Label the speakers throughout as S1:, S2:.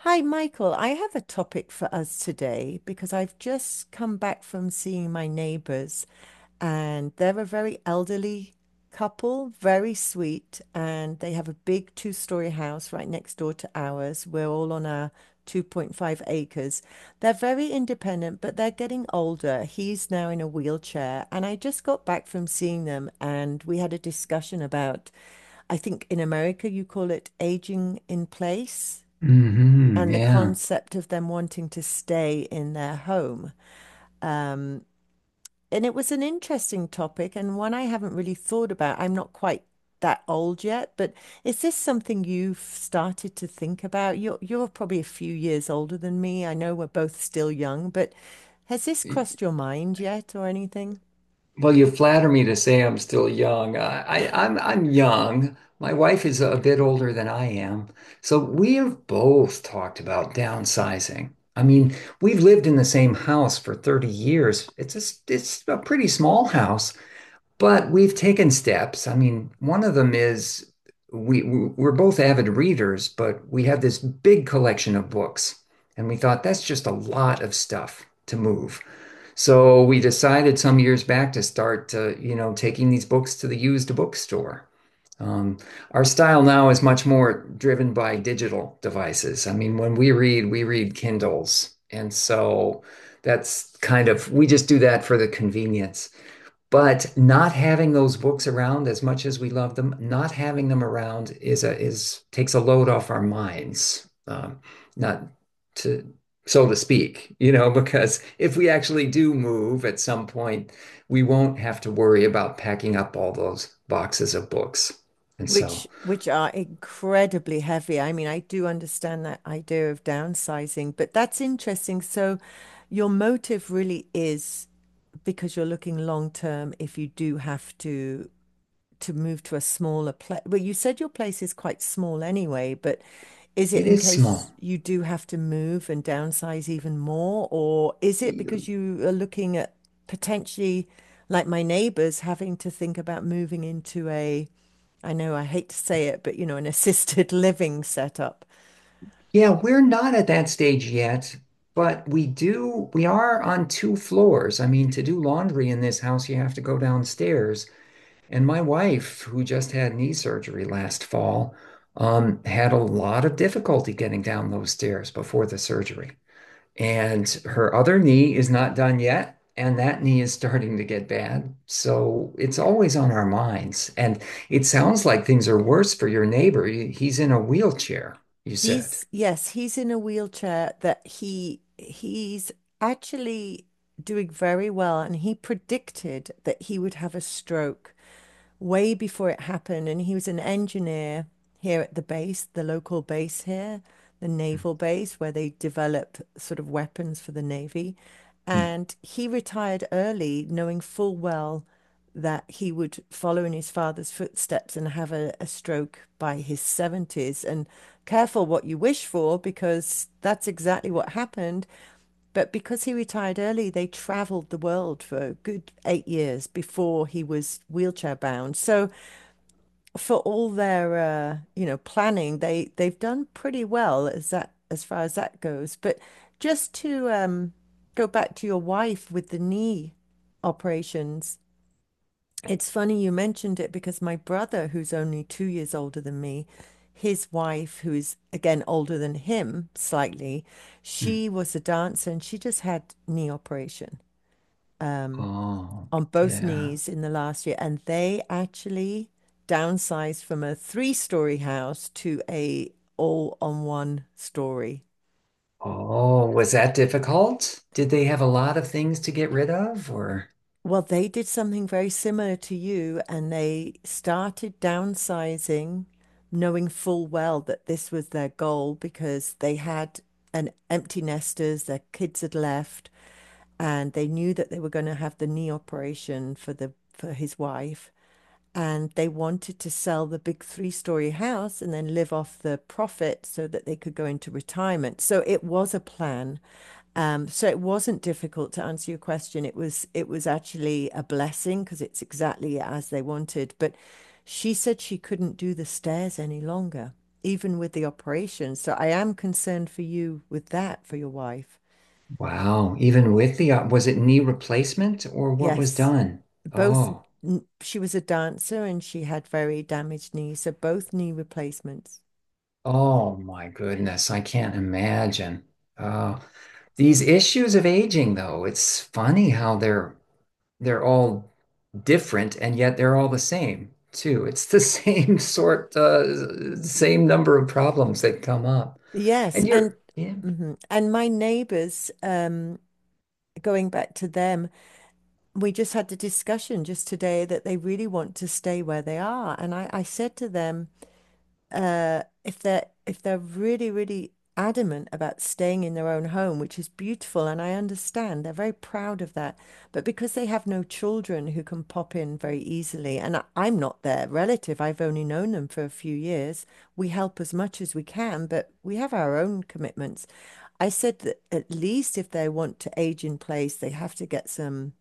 S1: Hi, Michael. I have a topic for us today because I've just come back from seeing my neighbors, and they're a very elderly couple, very sweet, and they have a big two-story house right next door to ours. We're all on our 2.5 acres. They're very independent, but they're getting older. He's now in a wheelchair, and I just got back from seeing them, and we had a discussion about, I think in America you call it aging in place and the
S2: Yeah.
S1: concept of them wanting to stay in their home. Um, and it was an interesting topic and one I haven't really thought about. I'm not quite that old yet, but is this something you've started to think about? You're probably a few years older than me. I know we're both still young, but has this crossed your mind yet or anything?
S2: Well, you flatter me to say I'm still young. I'm young. My wife is a bit older than I am. So we have both talked about downsizing. I mean, we've lived in the same house for 30 years. It's a pretty small house, but we've taken steps. I mean, one of them is we're both avid readers, but we have this big collection of books, and we thought that's just a lot of stuff to move. So we decided some years back to start, you know, taking these books to the used bookstore. Um, our style now is much more driven by digital devices. I mean, when we read Kindles. And so that's kind of, we just do that for the convenience, but not having those books around, as much as we love them, not having them around is a is takes a load off our minds, not to, so to speak, you know, because if we actually do move at some point, we won't have to worry about packing up all those boxes of books. And
S1: which
S2: so
S1: which are incredibly heavy. I mean, I do understand that idea of downsizing, but that's interesting. So your motive really is because you're looking long term if you do have to move to a smaller place? Well, you said your place is quite small anyway, but is it
S2: it
S1: in
S2: is
S1: case
S2: small.
S1: you do have to move and downsize even more, or is it because you are looking at potentially, like my neighbors, having to think about moving into a, I know I hate to say it, but you know, an assisted living setup.
S2: Yeah, we're not at that stage yet, but we are on two floors. I mean, to do laundry in this house, you have to go downstairs. And my wife, who just had knee surgery last fall, had a lot of difficulty getting down those stairs before the surgery. And her other knee is not done yet, and that knee is starting to get bad. So it's always on our minds. And it sounds like things are worse for your neighbor. He's in a wheelchair, you said.
S1: He's, yes, he's in a wheelchair that he's actually doing very well, and he predicted that he would have a stroke way before it happened. And he was an engineer here at the base, the local base here, the naval base, where they develop sort of weapons for the Navy.
S2: Mhm.
S1: And he retired early, knowing full well that he would follow in his father's footsteps and have a stroke by his 70s. And careful what you wish for, because that's exactly what happened. But because he retired early, they traveled the world for a good 8 years before he was wheelchair bound. So for all their you know, planning, they've done pretty well as that as far as that goes. But just to go back to your wife with the knee operations, it's funny you mentioned it because my brother, who's only 2 years older than me, his wife, who is again older than him slightly,
S2: Mhm.
S1: she was a dancer and she just had knee operation um,
S2: Oh,
S1: on both
S2: yeah.
S1: knees in the last year. And they actually downsized from a three-story house to a all on one story.
S2: Oh, was that difficult? Did they have a lot of things to get rid of, or?
S1: Well, they did something very similar to you, and they started downsizing, knowing full well that this was their goal because they had an empty nesters, their kids had left, and they knew that they were going to have the knee operation for the for his wife and they wanted to sell the big three-story house and then live off the profit so that they could go into retirement. So it was a plan. So it wasn't difficult to answer your question. It was actually a blessing because it's exactly as they wanted. But she said she couldn't do the stairs any longer, even with the operation. So I am concerned for you with that, for your wife.
S2: Wow. Even with the, op- was it knee replacement or what was
S1: Yes.
S2: done?
S1: Both
S2: Oh,
S1: she was a dancer and she had very damaged knees, so both knee replacements.
S2: oh my goodness. I can't imagine. Oh, these issues of aging, though, it's funny how they're all different and yet they're all the same too. It's the same sort, same number of problems that come up.
S1: Yes,
S2: And
S1: and
S2: you're, yeah.
S1: mhm. And my neighbors, going back to them, we just had the discussion just today that they really want to stay where they are. And I said to them, if they're really, really adamant about staying in their own home, which is beautiful, and I understand they're very proud of that, but because they have no children who can pop in very easily, and I'm not their relative, I've only known them for a few years. We help as much as we can, but we have our own commitments. I said that at least if they want to age in place, they have to get some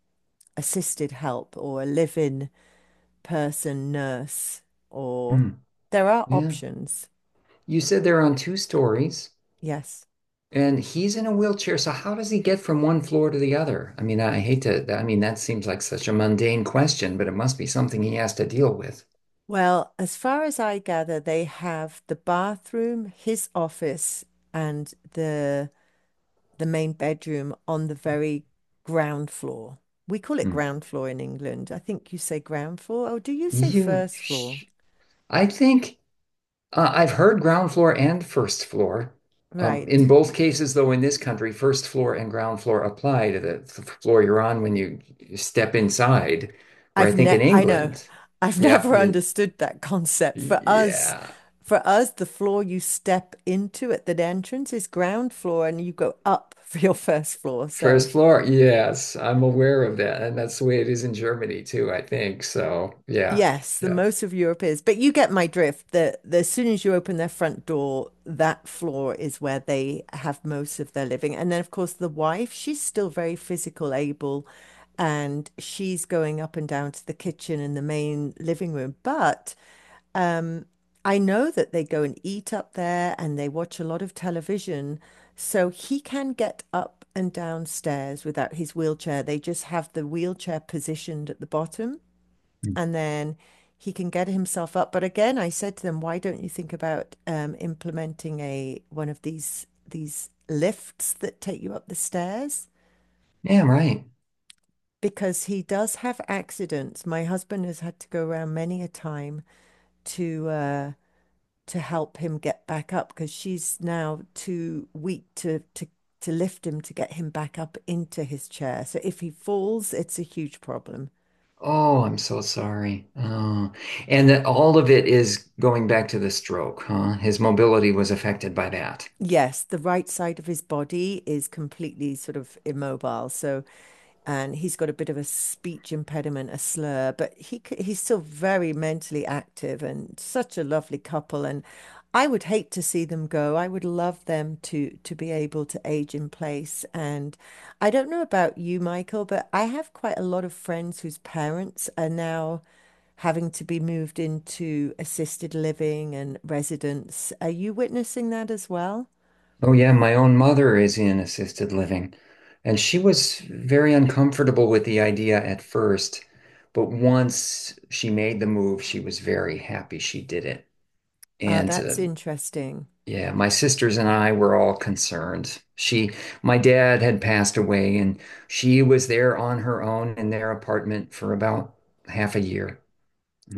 S1: assisted help or a live-in person, nurse, or
S2: Hmm.
S1: there are
S2: Yeah.
S1: options.
S2: You said they're on two stories.
S1: Yes.
S2: And he's in a wheelchair, so how does he get from one floor to the other? I mean, I hate to, I mean, that seems like such a mundane question, but it must be something he has to deal with.
S1: Well, as far as I gather, they have the bathroom, his office, and the main bedroom on the very ground floor. We call it
S2: Hmm.
S1: ground floor in England. I think you say ground floor. Oh, do you say
S2: You,
S1: first floor?
S2: I think I've heard ground floor and first floor.
S1: Right.
S2: In both cases, though, in this country, first floor and ground floor apply to the floor you're on when you step inside. Where I think in
S1: I know.
S2: England,
S1: I've
S2: yeah,
S1: never
S2: you,
S1: understood that concept.
S2: yeah.
S1: For us, the floor you step into at the entrance is ground floor and you go up for your first floor. So
S2: First floor, yes, I'm aware of that. And that's the way it is in Germany too, I think. So, yeah,
S1: yes, the
S2: yeah.
S1: most of Europe is, but you get my drift that the, as soon as you open their front door, that floor is where they have most of their living. And then, of course, the wife, she's still very physical, able, and she's going up and down to the kitchen and the main living room. But I know that they go and eat up there and they watch a lot of television. So he can get up and downstairs without his wheelchair. They just have the wheelchair positioned at the bottom
S2: Mm.
S1: and then he can get himself up. But again, I said to them, why don't you think about implementing a one of these lifts that take you up the stairs?
S2: Yeah, right.
S1: Because he does have accidents. My husband has had to go around many a time to uh, to help him get back up because she's now too weak to lift him to get him back up into his chair. So if he falls, it's a huge problem.
S2: Oh, I'm so sorry. Oh, and that all of it is going back to the stroke, huh? His mobility was affected by that.
S1: Yes, the right side of his body is completely sort of immobile. So, and he's got a bit of a speech impediment, a slur, but he's still very mentally active and such a lovely couple. And I would hate to see them go. I would love them to be able to age in place. And I don't know about you, Michael, but I have quite a lot of friends whose parents are now having to be moved into assisted living and residence. Are you witnessing that as well?
S2: Oh, yeah, my own mother is in assisted living, and she was very uncomfortable with the idea at first, but once she made the move, she was very happy she did it.
S1: Ah,
S2: And
S1: that's interesting.
S2: Yeah, my sisters and I were all concerned. She, my dad had passed away, and she was there on her own in their apartment for about half a year,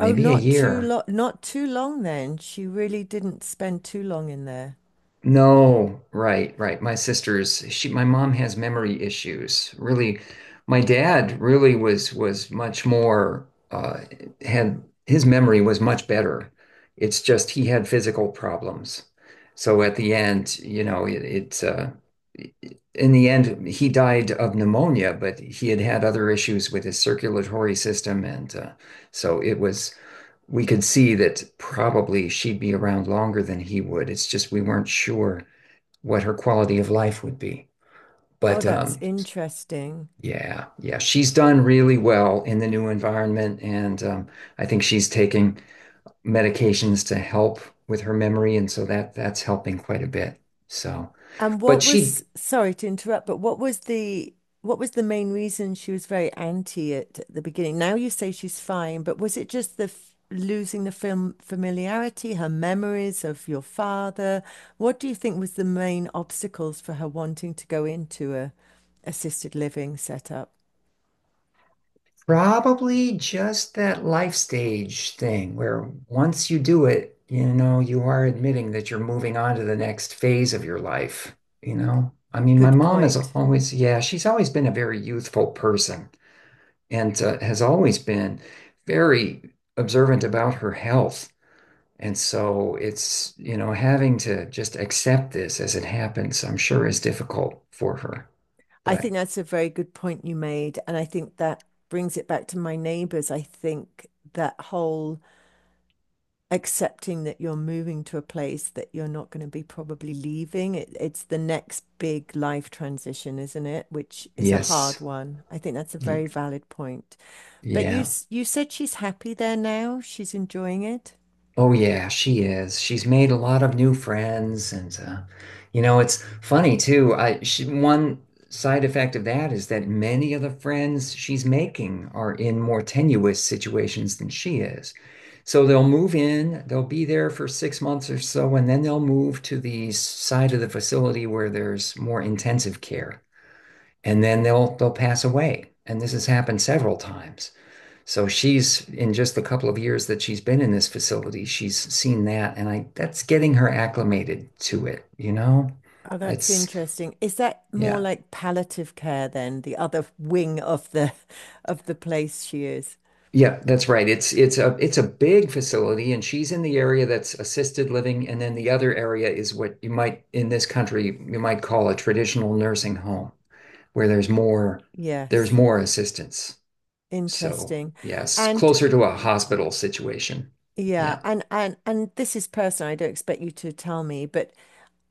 S1: Oh,
S2: a
S1: not too
S2: year.
S1: long, not too long then. She really didn't spend too long in there.
S2: No, right, right. My sister's she My mom has memory issues. Really, my dad really was much more had his memory was much better. It's just he had physical problems. So at the end, you know, it, it's in the end he died of pneumonia, but he had had other issues with his circulatory system and so it was, we could see that probably she'd be around longer than he would. It's just we weren't sure what her quality of life would be.
S1: Oh,
S2: But
S1: that's interesting.
S2: Yeah, yeah, she's done really well in the new environment, and I think she's taking medications to help with her memory, and so that that's helping quite a bit. So,
S1: And
S2: but
S1: what
S2: she
S1: was, sorry to interrupt, but what was the main reason she was very anti it at the beginning? Now you say she's fine, but was it just the f losing the film familiarity, her memories of your father? What do you think was the main obstacles for her wanting to go into a assisted living setup?
S2: probably just that life stage thing where once you do it, you know, you are admitting that you're moving on to the next phase of your life, you know? I mean, my
S1: Good
S2: mom has
S1: point.
S2: always, yeah, she's always been a very youthful person and has always been very observant about her health. And so it's, you know, having to just accept this as it happens, I'm sure is difficult for her.
S1: I
S2: But
S1: think that's a very good point you made. And I think that brings it back to my neighbors. I think that whole accepting that you're moving to a place that you're not going to be probably leaving, it's the next big life transition, isn't it? Which is a
S2: Yes,
S1: hard one. I think that's a very
S2: y-
S1: valid point. But
S2: yeah.
S1: you said she's happy there now. She's enjoying it.
S2: Oh yeah, she is. She's made a lot of new friends, and you know, it's funny too. One side effect of that is that many of the friends she's making are in more tenuous situations than she is. So they'll move in, they'll be there for 6 months or so, and then they'll move to the side of the facility where there's more intensive care, and then they'll pass away. And this has happened several times. So she's in, just the couple of years that she's been in this facility, she's seen that, and I that's getting her acclimated to it, you know?
S1: Oh, that's
S2: It's
S1: interesting. Is that more
S2: Yeah.
S1: like palliative care then, the other wing of the place she is?
S2: Yeah, that's right. It's it's a big facility and she's in the area that's assisted living, and then the other area is what you might, in this country you might call a traditional nursing home, where there's
S1: Yes.
S2: more assistance. So,
S1: Interesting.
S2: yes,
S1: And
S2: closer to a hospital situation.
S1: yeah,
S2: Yeah.
S1: and this is personal. I don't expect you to tell me, but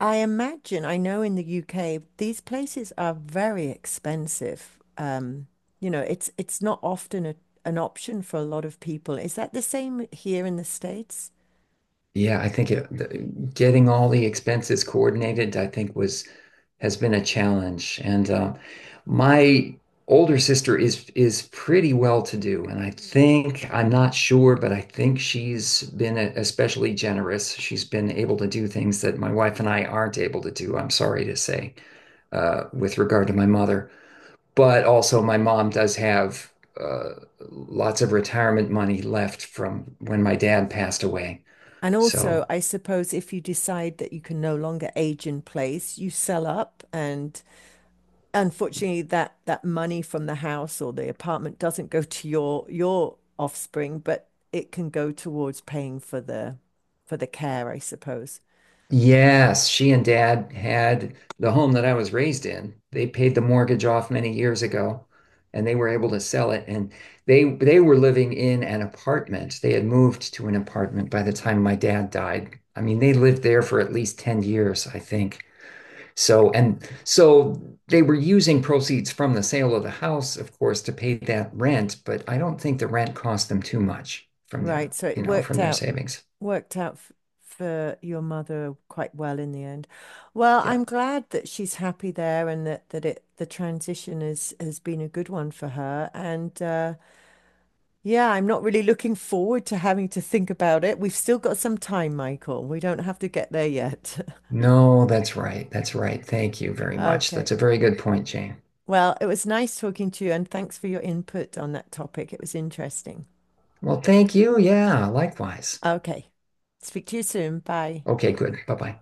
S1: I imagine I know in the UK these places are very expensive. You know, it's not often a, an option for a lot of people. Is that the same here in the States?
S2: Yeah, I think getting all the expenses coordinated, I think was has been a challenge. And My older sister is pretty well to do, and I think, I'm not sure, but I think she's been especially generous. She's been able to do things that my wife and I aren't able to do. I'm sorry to say, with regard to my mother, but also my mom does have uh, lots of retirement money left from when my dad passed away,
S1: And also,
S2: so.
S1: I suppose if you decide that you can no longer age in place, you sell up and unfortunately that money from the house or the apartment doesn't go to your offspring, but it can go towards paying for the care, I suppose.
S2: Yes, she and dad had the home that I was raised in. They paid the mortgage off many years ago, and they were able to sell it, and they were living in an apartment. They had moved to an apartment by the time my dad died. I mean, they lived there for at least 10 years, I think. So, and so they were using proceeds from the sale of the house, of course, to pay that rent, but I don't think the rent cost them too much from
S1: Right.
S2: their,
S1: So it
S2: you know, from their savings.
S1: worked out f for your mother quite well in the end. Well,
S2: Yeah.
S1: I'm glad that she's happy there and that it the transition is has been a good one for her. And yeah, I'm not really looking forward to having to think about it. We've still got some time, Michael. We don't have to get there yet.
S2: No, that's right. That's right. Thank you very much. That's
S1: Okay.
S2: a very good point, Jane.
S1: Well, it was nice talking to you and thanks for your input on that topic. It was interesting.
S2: Well, thank you. Yeah, likewise.
S1: Okay. Speak to you soon. Bye.
S2: Okay, good. Bye-bye.